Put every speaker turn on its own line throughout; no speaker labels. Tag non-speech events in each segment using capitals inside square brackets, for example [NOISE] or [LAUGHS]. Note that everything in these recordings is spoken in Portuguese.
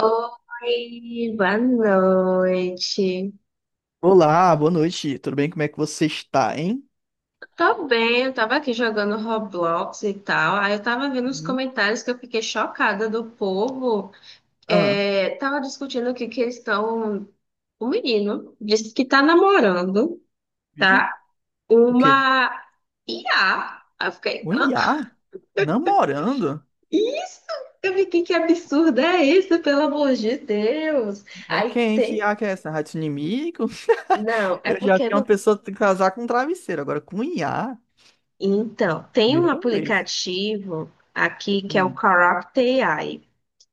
Oi, boa noite.
Olá, boa noite. Tudo bem? Como é que você está, hein?
Tô bem, eu tava aqui jogando Roblox e tal. Aí eu tava vendo os
Hum.
comentários que eu fiquei chocada do povo.
Ah,
É, tava discutindo que eles estão. O menino disse que tá namorando,
vixe,
tá?
o quê?
Uma IA. Aí eu fiquei,
Um
hã?
IA? Namorando?
Isso! Eu fiquei, que absurdo é isso, pelo amor de Deus!
É
Aí
quem? Que
tem.
IA que é essa? Rato inimigo? [LAUGHS]
Não, é
Eu já
porque
vi uma
no
pessoa casar com um travesseiro, agora com um IA?
Então, tem um
Primeira vez.
aplicativo aqui que é o
Hum.
Corrupt AI,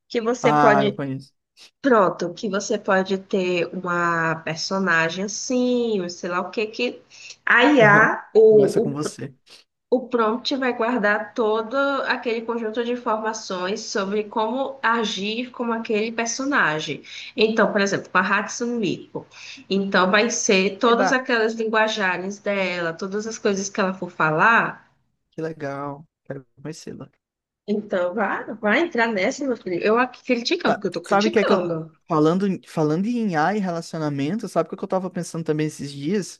que você
Ah, eu
pode,
conheço.
pronto, que você pode ter uma personagem assim, ou sei lá o que que a
Aham.
IA,
Conversa com
o, o,
você.
o prompt vai guardar todo aquele conjunto de informações sobre como agir com aquele personagem. Então, por exemplo, com a Hatsune Miku, então vai ser todas
Eba.
aquelas linguajagens dela, todas as coisas que ela for falar.
Que legal. Quero conhecê-la.
Então, vai entrar nessa, meu filho. Eu aqui criticando,
Tá.
porque eu tô
Sabe o que é que eu.
criticando.
Falando em IA e relacionamento, sabe o que eu tava pensando também esses dias?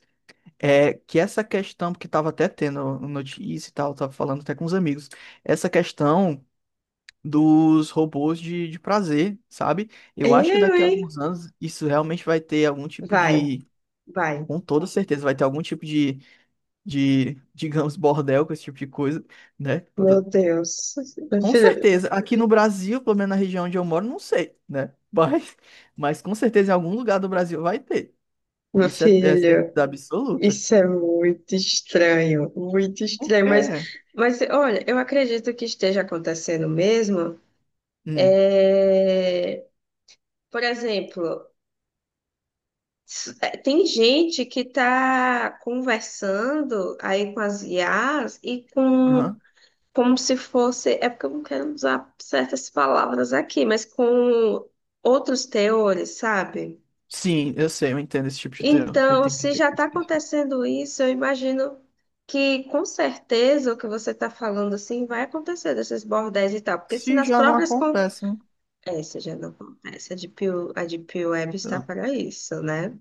É que essa questão, porque estava até tendo notícia e tal, estava falando até com os amigos, essa questão dos robôs de prazer, sabe? Eu acho que
Eu,
daqui a
hein?
alguns anos isso realmente vai ter algum tipo
Vai,
de,
vai.
com toda certeza, vai ter algum tipo de, digamos, bordel com esse tipo de coisa, né? Com
Meu Deus. Meu
com
filho,
certeza. Aqui no Brasil, pelo menos na região onde eu moro, não sei, né? [LAUGHS] Mas, com certeza em algum lugar do Brasil vai ter.
meu
Isso é
filho,
certeza absoluta.
isso é muito estranho, muito
Por
estranho.
quê?
Mas olha, eu acredito que esteja acontecendo mesmo.
Hum.
É, por exemplo, é, tem gente que está conversando aí com as IAs e com
Aham.
como se fosse, é porque eu não quero usar certas palavras aqui, mas com outros teores, sabe?
Sim, eu sei, eu entendo esse tipo de teor. Eu
Então,
entendo o
se
que
já está
você quis falar.
acontecendo isso, eu imagino que com certeza o que você está falando assim vai acontecer desses bordéis e tal, porque se
Se
nas
já não
próprias
acontece, né?
essa já não acontece, a Deep Web está
Eu-
para isso, né?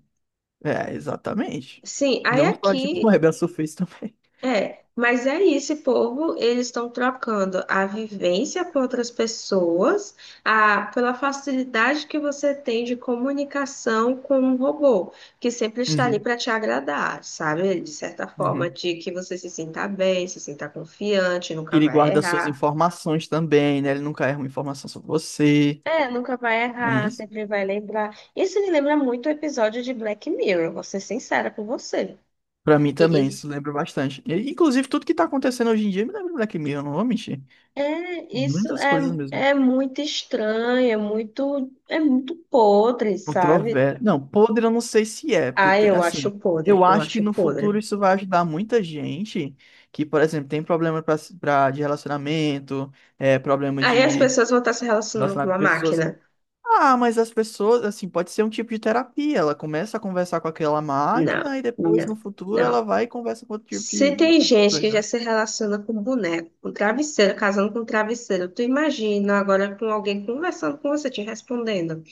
É, exatamente.
Sim, aí
Não só de [LAUGHS]
aqui
web, a Surface também.
é, mas é isso, esse povo, eles estão trocando a vivência com outras pessoas, a, pela facilidade que você tem de comunicação com um robô, que sempre está ali
Uhum,
para te agradar, sabe? De certa forma,
uhum.
de que você se sinta bem, se sinta confiante,
Que
nunca
ele
vai
guarda suas
errar.
informações também, né? Ele nunca erra uma informação sobre você,
É, nunca vai
não é
errar,
isso?
sempre vai lembrar. Isso me lembra muito o episódio de Black Mirror, vou ser sincera com você.
Pra mim também,
E,
isso lembra bastante. E, inclusive, tudo que tá acontecendo hoje em dia me lembra Black Mirror, não vou mentir.
é, isso
Muitas
é,
coisas mesmo.
é muito estranho, é muito podre, sabe?
Não, podre eu não sei se é, porque
Ah,
tem
eu acho
assim.
podre,
Eu
eu
acho que
acho
no
podre.
futuro isso vai ajudar muita gente que, por exemplo, tem problema de relacionamento, é, problema
Aí as
de
pessoas vão estar se relacionando com
relacionar com
uma
pessoas.
máquina?
Ah, mas as pessoas, assim, pode ser um tipo de terapia. Ela começa a conversar com aquela
Não,
máquina e depois,
não,
no futuro, ela
não.
vai e conversa com outro tipo
Se
de...
tem gente que já
Uhum.
se relaciona com boneco, com travesseiro, casando com travesseiro, tu imagina agora com alguém conversando com você, te respondendo.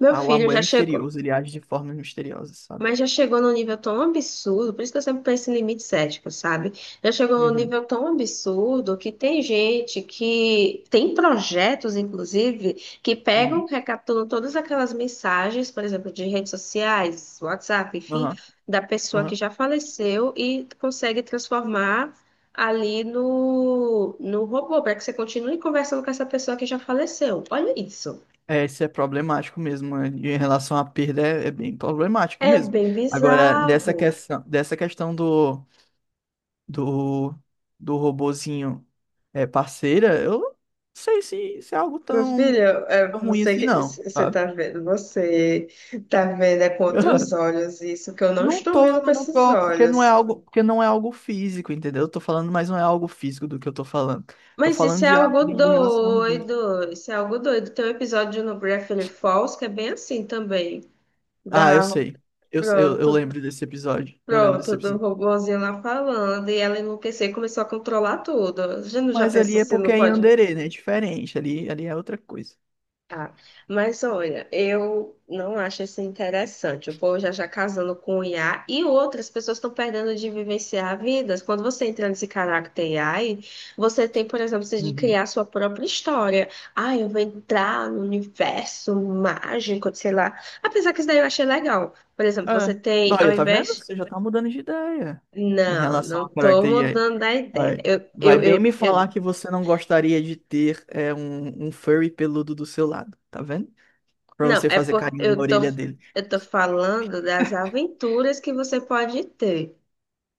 Meu
Ah, o
filho
amor é
já chegou.
misterioso, ele age de formas misteriosas, sabe?
Mas já chegou num nível tão absurdo, por isso que eu sempre penso em limites éticos, sabe? Já chegou num
Uhum,
nível tão absurdo que tem gente que tem projetos, inclusive, que pegam,
uhum,
recapturam todas aquelas mensagens, por exemplo, de redes sociais, WhatsApp, enfim,
aham,
da pessoa que
aham.
já faleceu e consegue transformar ali no robô, para que você continue conversando com essa pessoa que já faleceu. Olha isso.
É, isso é problemático mesmo, né? Em relação à perda, é, é bem problemático
É
mesmo.
bem
Agora, dessa
bizarro.
questão, dessa questão do, do robozinho é, parceira, eu não sei se é algo
Meu filho,
tão,
é,
tão ruim
você
assim,
que
não, sabe?
você tá vendo é com
[LAUGHS]
outros
Eu
olhos isso que eu não
não
estou
tô,
vendo com
não
esses
tô, porque não é
olhos.
algo, físico, entendeu? Eu tô falando, mas não é algo físico do que eu tô falando. Tô
Mas isso
falando
é
de algo
algo
de relação mesmo.
doido, isso é algo doido. Tem um episódio no Gravity Falls que é bem assim também,
Ah, eu
da
sei. Eu
pronto,
lembro desse episódio. Eu lembro desse
pronto, do
episódio.
robozinho lá falando e ela enlouqueceu e começou a controlar tudo. Já não já
Mas ali
pensou
é
se não
porque é em
pode?
Anderê, né? É diferente. Ali é outra coisa.
Ah, mas olha, eu não acho isso interessante. O povo já casando com IA e outras pessoas estão perdendo de vivenciar vidas. Quando você entra nesse caráter AI, você tem, por exemplo, você de
Uhum.
criar sua própria história. Ah, eu vou entrar no universo mágico, sei lá. Apesar que isso daí eu achei legal. Por exemplo, você
É.
tem, ao
Olha, tá vendo?
invés.
Você já tá mudando de ideia em
Não,
relação
não
à
tô
Project AI.
mudando a ideia.
Aí,
Eu,
vai
eu,
bem me
eu,
falar
eu
que você não gostaria de ter um furry peludo do seu lado, tá vendo? Pra
não,
você
é
fazer
porque
carinho na orelha dele.
eu tô falando das aventuras que você pode ter,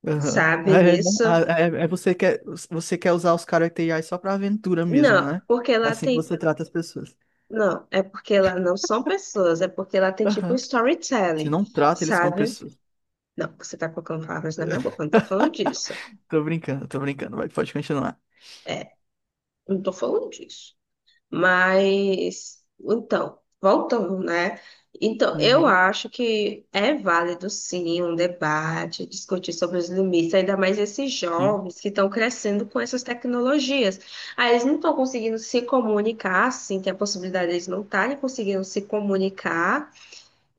Aham. [LAUGHS]
sabe
É, né?
nisso?
Ah, você quer usar os Character só pra aventura mesmo,
Não,
né?
porque
É
lá
assim que
tem.
você trata as pessoas.
Não, é porque lá não são pessoas, é porque lá tem tipo
Aham. Você
storytelling,
não trata eles como
sabe?
pessoas.
Não, você tá colocando palavras na minha boca, eu não tô falando disso.
[LAUGHS] Tô brincando, tô brincando. Vai, pode continuar.
É, eu não tô falando disso. Mas, então, voltando, né? Então, eu
Uhum,
acho que é válido, sim, um debate, discutir sobre os limites, ainda mais esses
sim,
jovens que estão crescendo com essas tecnologias. Aí eles não estão conseguindo se comunicar, sim, tem a possibilidade de eles não estarem conseguindo se comunicar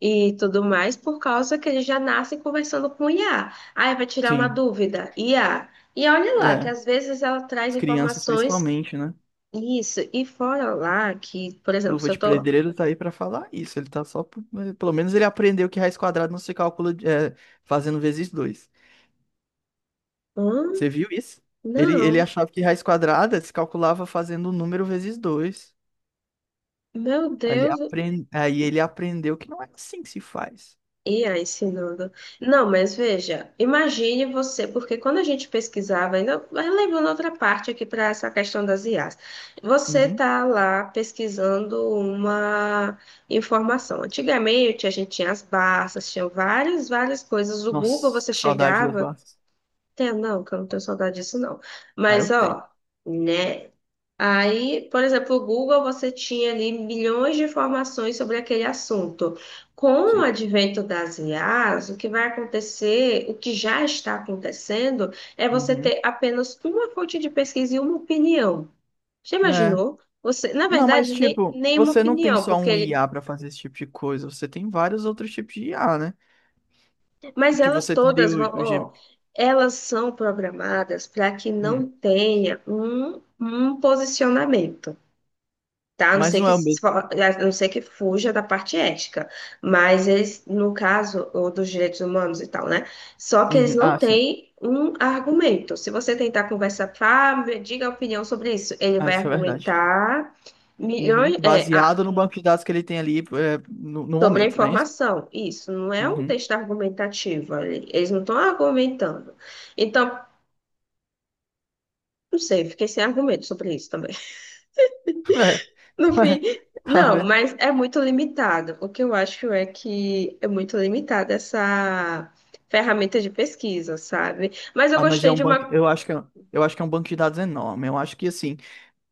e tudo mais, por causa que eles já nascem conversando com IA. Aí vai tirar uma
sim,
dúvida, IA. E olha lá, que
é,
às vezes ela traz
as crianças
informações
principalmente, né?
isso, e fora lá que, por exemplo,
Luva
se eu
de
tô.
Pedreiro tá aí pra falar isso, ele tá só, pelo menos ele aprendeu que raiz quadrada não se calcula fazendo vezes dois.
Hum?
Você viu isso? Ele
Não,
achava que raiz quadrada se calculava fazendo o número vezes dois.
meu
Aí ele,
Deus.
aprend... aí ele aprendeu que não é assim que se faz.
E aí, ensinando. Não, mas veja, imagine você, porque quando a gente pesquisava, ainda vai levando outra parte aqui para essa questão das IAs. Você
Uhum.
tá lá pesquisando uma informação. Antigamente a gente tinha as barças, tinha várias coisas. O Google
Nossa,
você
que saudade das
chegava,
bases.
tem, não, que eu não tenho saudade disso, não.
Ah, eu
Mas
tenho,
ó. Né? Aí, por exemplo, o Google você tinha ali milhões de informações sobre aquele assunto. Com o
sim.
advento das IAs, o que vai acontecer, o que já está acontecendo, é você
Uhum.
ter apenas uma fonte de pesquisa e uma opinião. Já
É,
imaginou? Você, na
não, mas
verdade, nem,
tipo,
nem uma
você não tem
opinião,
só
porque
um
ele,
IA pra fazer esse tipo de coisa, você tem vários outros tipos de IA, né?
mas
Que
elas
você teria
todas
o,
vão,
o
ó,
Gem-
elas são programadas para que não
Hum,
tenha um posicionamento. Tá? A não
mas
ser
não
que,
é o
se
mesmo.
for- a não ser que fuja da parte ética, mas eles, no caso, ou dos direitos humanos e tal, né? Só que eles
Uhum.
não
Ah, sim.
têm um argumento. Se você tentar conversar, ah, me diga a opinião sobre isso, ele
Ah,
vai
isso é verdade.
argumentar
Uhum.
milhões, é, ah,
Baseado no banco de dados que ele tem ali é, no
sobre a
momento, não é isso?
informação. Isso não é um
Uhum.
texto argumentativo, eles não estão argumentando. Então, não sei, fiquei sem argumento sobre isso também.
[LAUGHS] É,
No fim,
é, tá
não,
vendo?
mas é muito limitado. O que eu acho é que é muito limitada essa ferramenta de pesquisa, sabe? Mas eu
Ah, mas é
gostei
um
de
banco.
uma.
Eu acho que é um banco de dados enorme. Eu acho que assim.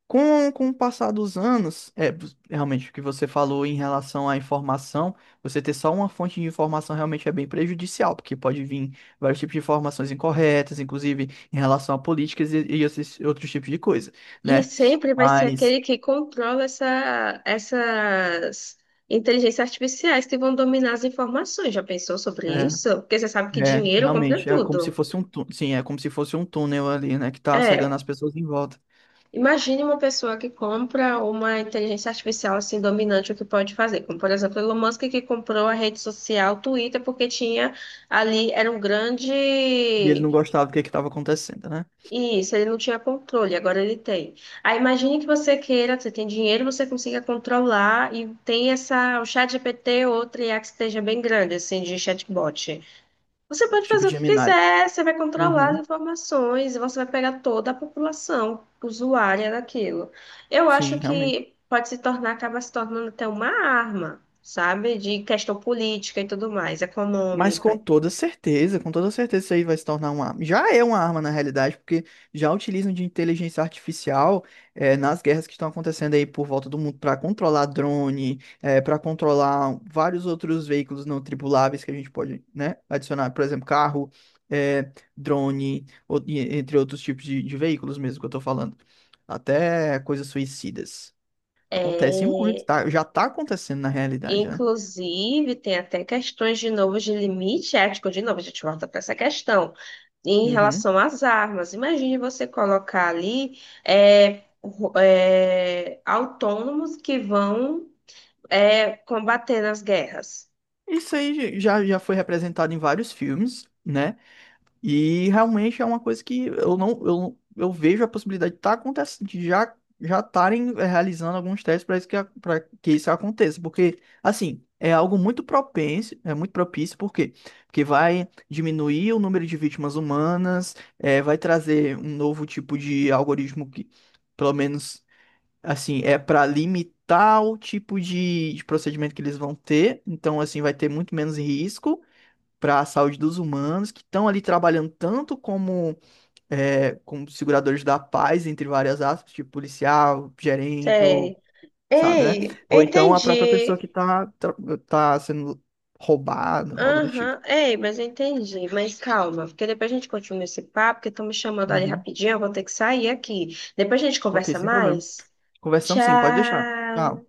Com o passar dos anos, é realmente o que você falou em relação à informação, você ter só uma fonte de informação realmente é bem prejudicial, porque pode vir vários tipos de informações incorretas, inclusive em relação a políticas e esses outros tipos de coisa,
E
né?
sempre vai ser
Mas
aquele que controla essas inteligências artificiais que vão dominar as informações. Já pensou sobre isso?
é,
Porque você sabe que dinheiro compra
realmente é como se
tudo.
fosse um túnel, sim, é como se fosse um túnel ali, né, que tá
É,
cegando as pessoas em volta.
imagine uma pessoa que compra uma inteligência artificial assim dominante, o que pode fazer. Como, por exemplo, Elon Musk que comprou a rede social Twitter porque tinha ali, era um grande.
E ele não gostava do que estava acontecendo, né?
Isso, ele não tinha controle, agora ele tem. Aí imagine que você queira, você tem dinheiro, você consiga controlar e tem essa, o chat GPT ou outra IA que esteja bem grande, assim, de chatbot. Você pode
Tipo
fazer
de
o que
Gemini.
quiser, você vai controlar as
Uhum,
informações, e você vai pegar toda a população usuária daquilo. Eu acho
sim, realmente.
que pode se tornar, acaba se tornando até uma arma, sabe? De questão política e tudo mais,
Mas
econômica.
com toda certeza isso aí vai se tornar uma arma. Já é uma arma na realidade, porque já utilizam de inteligência artificial nas guerras que estão acontecendo aí por volta do mundo para controlar drone, para controlar vários outros veículos não tripuláveis que a gente pode, né, adicionar, por exemplo, carro, drone, entre outros tipos de veículos mesmo que eu tô falando. Até coisas suicidas. Acontece muito,
É,
tá? Já tá acontecendo na realidade, né?
inclusive, tem até questões de novo de limite ético, de novo, a gente volta para essa questão. Em
Uhum.
relação às armas, imagine você colocar ali é, autônomos que vão É combater as guerras.
Isso aí já foi representado em vários filmes, né? E realmente é uma coisa que eu não, eu, não- eu vejo a possibilidade de tá acontecendo, de já já estarem realizando alguns testes para isso que para que isso aconteça, porque assim, é algo muito propenso, é muito propício, por quê? Porque vai diminuir o número de vítimas humanas, vai trazer um novo tipo de algoritmo que, pelo menos assim, é para limitar o tipo de procedimento que eles vão ter. Então, assim, vai ter muito menos risco para a saúde dos humanos que estão ali trabalhando tanto como seguradores da paz, entre várias aspas, tipo policial, gerente, ou
Sei.
sabe, né?
Ei,
Ou então a própria pessoa que
entendi.
tá sendo roubada, algo do tipo.
Aham, ei, mas eu entendi. Mas calma, porque depois a gente continua esse papo, porque estão me chamando ali
Uhum.
rapidinho, eu vou ter que sair aqui. Depois a gente
Ok,
conversa
sem problema.
mais.
Conversamos sim, pode deixar.
Tchau.
Tchau.